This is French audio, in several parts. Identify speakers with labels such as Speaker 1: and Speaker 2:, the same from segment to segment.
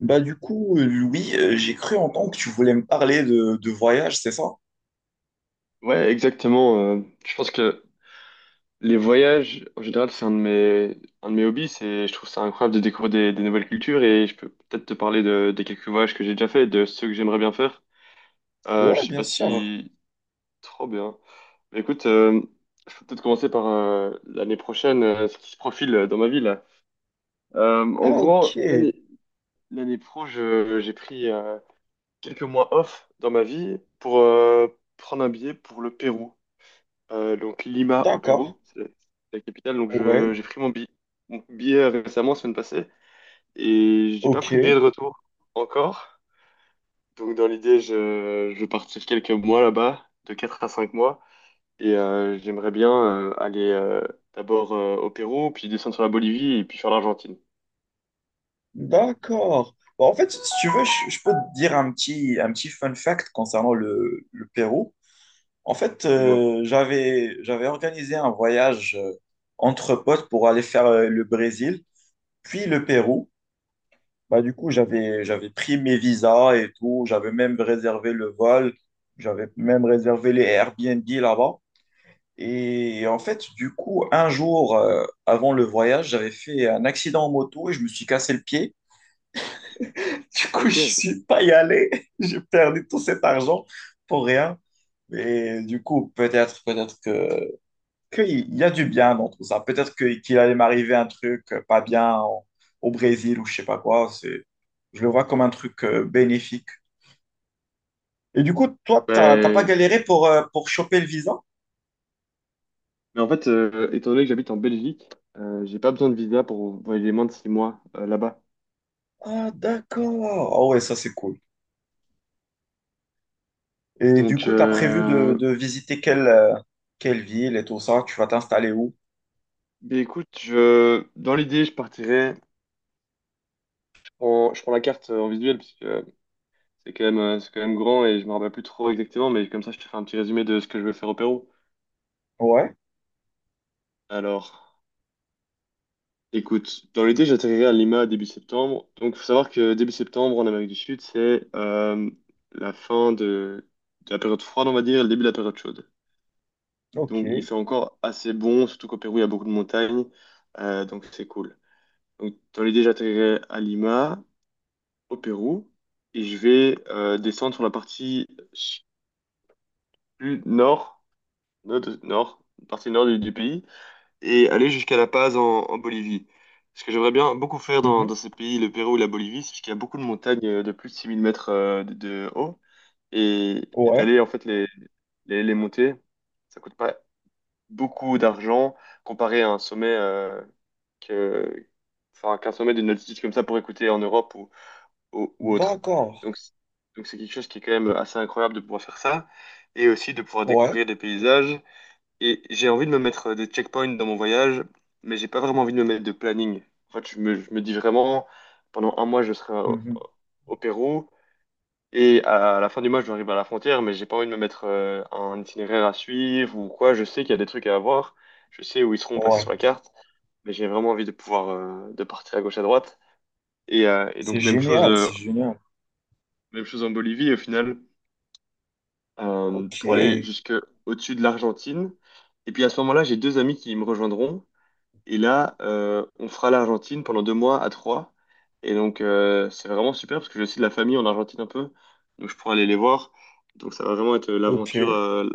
Speaker 1: Louis, j'ai cru entendre que tu voulais me parler de voyage, c'est ça?
Speaker 2: Ouais, exactement. Je pense que les voyages, en général, c'est un de mes hobbies. Je trouve ça incroyable de découvrir des nouvelles cultures et je peux peut-être te parler des quelques voyages que j'ai déjà fait, et de ceux que j'aimerais bien faire. Je
Speaker 1: Ouais,
Speaker 2: sais
Speaker 1: bien
Speaker 2: pas
Speaker 1: sûr.
Speaker 2: si trop bien. Mais écoute, je peux peut-être commencer par l'année prochaine, ce qui se profile dans ma vie là. En
Speaker 1: Ah ok,
Speaker 2: gros, l'année pro, j'ai pris quelques mois off dans ma vie pour prendre un billet pour le Pérou. Donc Lima au
Speaker 1: d'accord.
Speaker 2: Pérou, c'est la capitale. Donc
Speaker 1: Ouais,
Speaker 2: j'ai pris mon billet récemment, semaine passée, et j'ai pas
Speaker 1: ok,
Speaker 2: pris de billet de retour encore. Donc dans l'idée, je vais partir quelques mois là-bas, de 4 à 5 mois, et j'aimerais bien aller d'abord au Pérou, puis descendre sur la Bolivie, et puis faire l'Argentine.
Speaker 1: d'accord. Bah, en fait, si tu veux, je peux te dire un petit fun fact concernant le Pérou. En fait,
Speaker 2: Dis-moi.
Speaker 1: j'avais organisé un voyage entre potes pour aller faire le Brésil, puis le Pérou. Bah, du coup, j'avais pris mes visas et tout. J'avais même réservé le vol. J'avais même réservé les Airbnb là-bas. Et en fait, du coup, un jour avant le voyage, j'avais fait un accident en moto et je me suis cassé le pied. Du coup, je
Speaker 2: Ok.
Speaker 1: suis pas y allé. J'ai perdu tout cet argent pour rien. Et du coup, peut-être, peut-être que qu'il y a du bien dans tout ça. Qu'il allait m'arriver un truc pas bien au Brésil ou je sais pas quoi. Je le vois comme un truc bénéfique. Et du coup, toi, t'as pas
Speaker 2: Ouais.
Speaker 1: galéré pour choper le visa?
Speaker 2: Mais en fait, étant donné que j'habite en Belgique, j'ai pas besoin de visa pour voyager moins de 6 mois là-bas.
Speaker 1: Ah, d'accord. Ah ouais, ça c'est cool. Et du
Speaker 2: Donc,
Speaker 1: coup, tu as prévu de,
Speaker 2: euh,
Speaker 1: de visiter quelle, quelle ville et tout ça? Tu vas t'installer où?
Speaker 2: Mais écoute, dans l'idée, je partirais. Je prends la carte en visuel parce que c'est quand même grand et je me rappelle plus trop exactement, mais comme ça, je te fais un petit résumé de ce que je veux faire au Pérou.
Speaker 1: Ouais,
Speaker 2: Alors, écoute, dans l'idée, j'atterrirai à Lima début septembre. Donc, faut savoir que début septembre en Amérique du Sud, c'est la fin de la période froide, on va dire, et le début de la période chaude.
Speaker 1: ok.
Speaker 2: Donc, il fait encore assez bon, surtout qu'au Pérou, il y a beaucoup de montagnes, donc c'est cool. Donc, dans l'idée, j'atterrirai à Lima au Pérou et je vais descendre sur la partie plus nord, nord, nord- partie nord du pays et aller jusqu'à La Paz en Bolivie. Ce que j'aimerais bien beaucoup faire dans,
Speaker 1: Mhm.
Speaker 2: dans ces pays, le Pérou et la Bolivie, c'est qu'il y a beaucoup de montagnes de plus de 6 000 mètres de haut et
Speaker 1: Ouais,
Speaker 2: d'aller en fait les monter. Ça coûte pas beaucoup d'argent comparé à un sommet que, enfin, qu'un sommet d'une altitude comme ça pourrait coûter en Europe ou autre.
Speaker 1: d'accord.
Speaker 2: Donc, c- donc c'est quelque chose qui est quand même assez incroyable de pouvoir faire ça et aussi de pouvoir
Speaker 1: Ouais.
Speaker 2: découvrir des paysages. Et j'ai envie de me mettre des checkpoints dans mon voyage, mais j'ai pas vraiment envie de me mettre de planning. En fait, je me dis vraiment, pendant un mois, je serai au,
Speaker 1: Mhm.
Speaker 2: au Pérou et à la fin du mois, je vais arriver à la frontière, mais j'ai pas envie de me mettre un itinéraire à suivre ou quoi. Je sais qu'il y a des trucs à voir, je sais où ils seront placés
Speaker 1: Ouais.
Speaker 2: sur la carte, mais j'ai vraiment envie de pouvoir de partir à gauche à droite. Et donc
Speaker 1: C'est
Speaker 2: même chose
Speaker 1: génial,
Speaker 2: euh,
Speaker 1: c'est génial.
Speaker 2: même chose en Bolivie, au final,
Speaker 1: Ok,
Speaker 2: pour aller jusque au-dessus de l'Argentine. Et puis à ce moment-là, j'ai deux amis qui me rejoindront. Et là, on fera l'Argentine pendant 2 mois à trois. Et donc, c'est vraiment super parce que j'ai aussi de la famille en Argentine un peu. Donc, je pourrais aller les voir. Donc, ça va vraiment être
Speaker 1: ok.
Speaker 2: l'aventure, euh,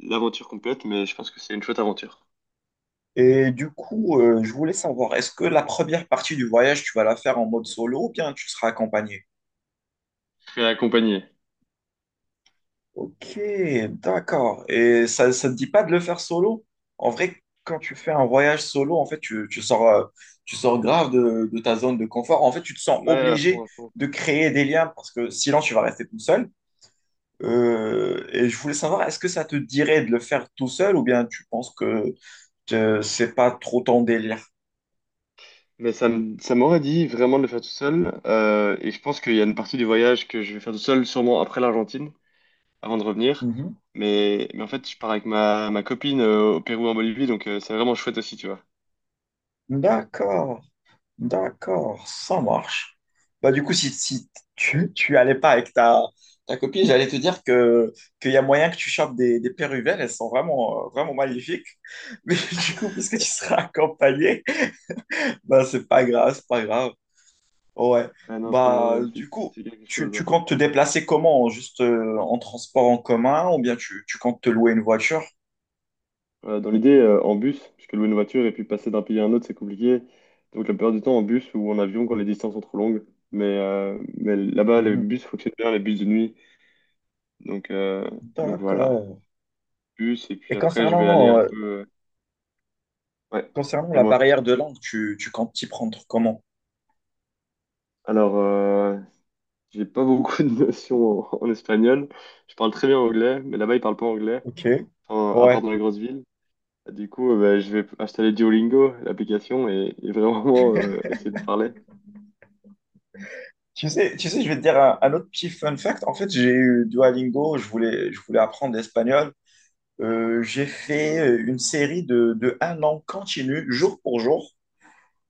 Speaker 2: l'aventure complète. Mais je pense que c'est une chouette aventure.
Speaker 1: Et du coup, je voulais savoir, est-ce que la première partie du voyage, tu vas la faire en mode solo ou bien tu seras accompagné?
Speaker 2: Je serai accompagné.
Speaker 1: Ok, d'accord. Et ça te dit pas de le faire solo? En vrai, quand tu fais un voyage solo, en fait, tu sors, tu sors grave de ta zone de confort. En fait, tu te sens
Speaker 2: Ouais, à
Speaker 1: obligé
Speaker 2: fond, à fond.
Speaker 1: de créer des liens parce que sinon, tu vas rester tout seul. Et je voulais savoir, est-ce que ça te dirait de le faire tout seul ou bien tu penses que c'est pas trop ton délire?
Speaker 2: Mais ça m'aurait dit vraiment de le faire tout seul. Et je pense qu'il y a une partie du voyage que je vais faire tout seul, sûrement après l'Argentine, avant de revenir.
Speaker 1: Mhm.
Speaker 2: Mais en fait, je pars avec ma copine au Pérou, en Bolivie, donc c'est vraiment chouette aussi, tu vois.
Speaker 1: D'accord. D'accord, ça marche. Bah, du coup, si tu allais pas avec ta, ta copine, j'allais te dire qu'il y a moyen que tu chopes des péruvelles, elles sont vraiment, vraiment magnifiques. Mais du coup, puisque tu seras accompagné, bah, c'est pas grave, c'est pas grave. Ouais.
Speaker 2: Ah non,
Speaker 1: Bah,
Speaker 2: c'est c'est-
Speaker 1: du coup,
Speaker 2: c'est quelque
Speaker 1: tu,
Speaker 2: chose,
Speaker 1: tu
Speaker 2: hein.
Speaker 1: comptes te déplacer comment? Juste en transport en commun ou bien tu comptes te louer une voiture?
Speaker 2: Dans l'idée, en bus, parce que louer une voiture et puis passer d'un pays à un autre, c'est compliqué. Donc la plupart du temps en bus ou en avion quand les distances sont trop longues. Mais là-bas, les
Speaker 1: Mhm.
Speaker 2: bus fonctionnent bien, les bus de nuit. Donc, euh, donc voilà,
Speaker 1: D'accord.
Speaker 2: bus. Et puis
Speaker 1: Et
Speaker 2: après, je vais aller
Speaker 1: concernant,
Speaker 2: un peu. Ouais,
Speaker 1: concernant la
Speaker 2: dis-moi.
Speaker 1: barrière de langue, tu comptes t'y prendre comment?
Speaker 2: Alors, j'ai pas beaucoup de notions en espagnol. Je parle très bien anglais, mais là-bas, ils parlent pas anglais,
Speaker 1: Ok,
Speaker 2: enfin, à part
Speaker 1: ouais.
Speaker 2: dans les grosses villes. Du coup, bah, je vais installer Duolingo, l'application, et vraiment essayer de parler.
Speaker 1: Tu sais, je vais te dire un autre petit fun fact. En fait, j'ai eu Duolingo, je voulais apprendre l'espagnol. J'ai fait une série de un an continu, jour pour jour.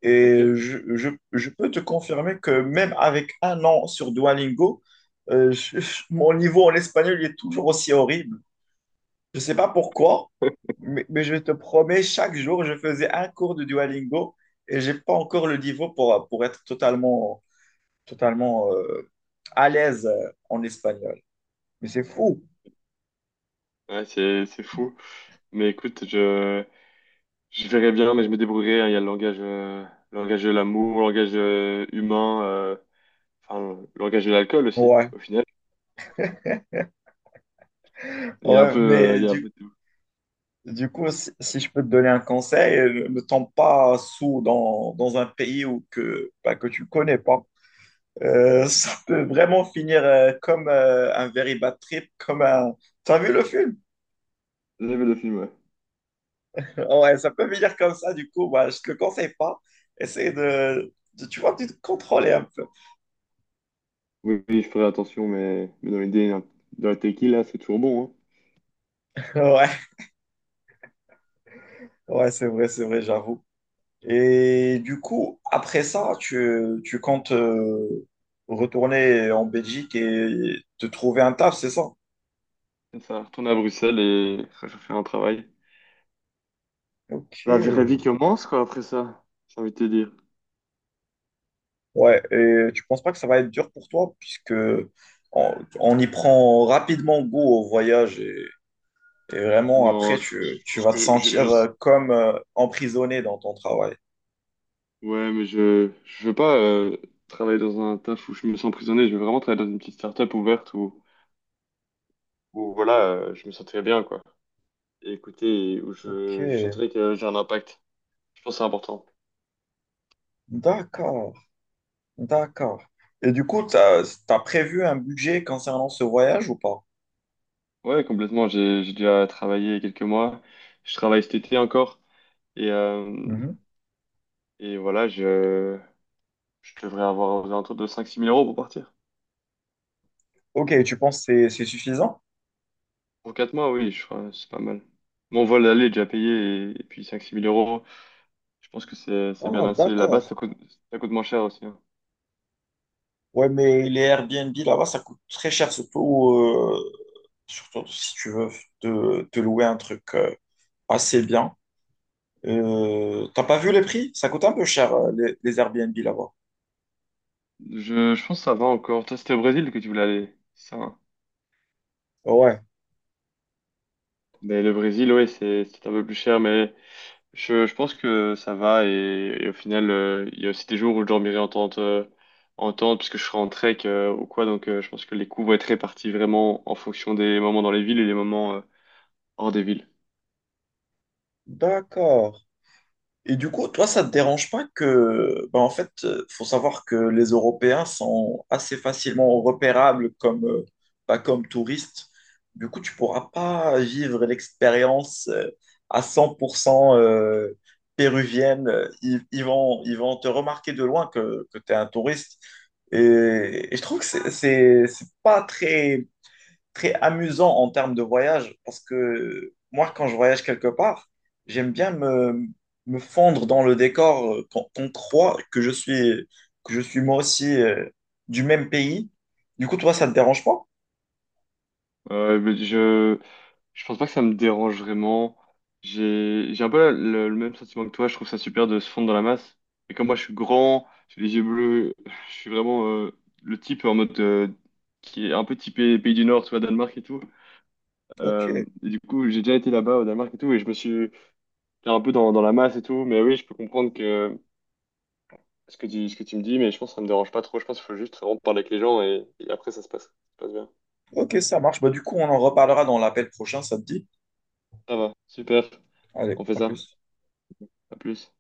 Speaker 1: Et
Speaker 2: Ok?
Speaker 1: je peux te confirmer que même avec un an sur Duolingo, mon niveau en espagnol il est toujours aussi horrible. Je ne sais pas pourquoi, mais je te promets, chaque jour, je faisais un cours de Duolingo et j'ai pas encore le niveau pour être totalement totalement à l'aise en espagnol. Mais c'est fou.
Speaker 2: Ouais, c'est fou. Mais écoute, je verrai bien, mais je me débrouillerai, hein. Il y a le langage de l'amour, le langage humain, enfin le langage de l'alcool aussi.
Speaker 1: Ouais,
Speaker 2: Au final, il y a un
Speaker 1: ouais,
Speaker 2: peu, il
Speaker 1: mais
Speaker 2: y a un peu de tout.
Speaker 1: du coup, si, si je peux te donner un conseil, ne tombe pas sous dans un pays où que, bah, que tu connais pas. Ça peut vraiment finir comme un very bad trip, comme un... T'as vu le film?
Speaker 2: J'ai vu le film, ouais.
Speaker 1: Ouais, ça peut finir comme ça, du coup, bah, je te le conseille pas. Essaye de, tu vois, de te contrôler un peu.
Speaker 2: Oui, oui, je ferai attention, mais dans l'idée, hein, dans la tequila, c'est toujours bon. Hein.
Speaker 1: Ouais, ouais, c'est vrai, j'avoue. Et du coup, après ça, tu comptes retourner en Belgique et te trouver un taf, c'est ça?
Speaker 2: Ça, retourner à Bruxelles et rechercher un travail.
Speaker 1: Ok.
Speaker 2: La vraie vie commence, quoi, après ça, j'ai envie de te dire.
Speaker 1: Ouais, et tu penses pas que ça va être dur pour toi, puisque on, on y prend rapidement goût au voyage et vraiment après,
Speaker 2: Non, je pense,
Speaker 1: tu,
Speaker 2: je
Speaker 1: tu
Speaker 2: pense
Speaker 1: vas te
Speaker 2: que
Speaker 1: sentir
Speaker 2: je-
Speaker 1: comme emprisonné dans ton travail.
Speaker 2: Ouais, mais je veux pas travailler dans un taf où je me sens emprisonné. Je veux vraiment travailler dans une petite start-up ouverte où voilà, je me sentirais bien, quoi. Et écoutez, où
Speaker 1: Ok.
Speaker 2: je sentirais que j'ai un impact. Je pense que c'est important.
Speaker 1: D'accord, d'accord. Et du coup, t'as prévu un budget concernant ce voyage ou pas?
Speaker 2: Ouais, complètement. J'ai déjà travaillé quelques mois. Je travaille cet été encore. Et, euh, et voilà, je devrais avoir aux alentours de 5 à 6 000 € pour partir.
Speaker 1: Ok, tu penses que c'est suffisant?
Speaker 2: Pour 4 mois, oui, je crois, c'est pas mal. Mon vol aller est déjà payé, et puis cinq six mille euros, je pense que c'est bien
Speaker 1: Ah,
Speaker 2: assez. Là-bas,
Speaker 1: d'accord.
Speaker 2: ça coûte moins cher aussi, hein.
Speaker 1: Ouais, mais les Airbnb là-bas, ça coûte très cher, surtout, surtout si tu veux te louer un truc assez bien. T'as pas vu les prix? Ça coûte un peu cher, les Airbnb là-bas.
Speaker 2: Je pense que ça va encore. Toi, c'était au Brésil que tu voulais aller, c'est ça, hein.
Speaker 1: Ouais,
Speaker 2: Mais le Brésil, oui, c'est un peu plus cher, mais je pense que ça va. Et au final, il y a aussi des jours où je dormirai en tente, puisque je serai en trek ou quoi. Donc, je pense que les coûts vont être répartis vraiment en fonction des moments dans les villes et les moments hors des villes.
Speaker 1: d'accord. Et du coup, toi, ça te dérange pas que, ben, en fait, faut savoir que les Européens sont assez facilement repérables comme, pas comme touristes. Du coup, tu pourras pas vivre l'expérience à 100% péruvienne. Ils vont te remarquer de loin que tu es un touriste. Et je trouve que c'est pas très très amusant en termes de voyage parce que moi, quand je voyage quelque part, j'aime bien me fondre dans le décor qu'on qu'on croit que je suis moi aussi du même pays. Du coup, toi, ça ne te dérange pas?
Speaker 2: Euh, mais je, Je pense pas que ça me dérange vraiment. J'ai un peu le même sentiment que toi. Je trouve ça super de se fondre dans la masse. Et comme moi, je suis grand, j'ai les yeux bleus, je suis vraiment le type en mode qui est un peu typé pays du Nord, tu vois, Danemark et tout.
Speaker 1: Ok.
Speaker 2: Et du coup, j'ai déjà été là-bas au Danemark et tout, et je me suis fait un peu dans la masse et tout. Mais oui, je peux comprendre que ce que tu me dis, mais je pense que ça me dérange pas trop. Je pense qu'il faut juste vraiment parler avec les gens et après, ça se passe. Ça se passe bien.
Speaker 1: Ok, ça marche. Bah, du coup, on en reparlera dans l'appel prochain, ça te dit?
Speaker 2: Ça va, super.
Speaker 1: Allez,
Speaker 2: On fait
Speaker 1: à
Speaker 2: ça.
Speaker 1: plus.
Speaker 2: À plus.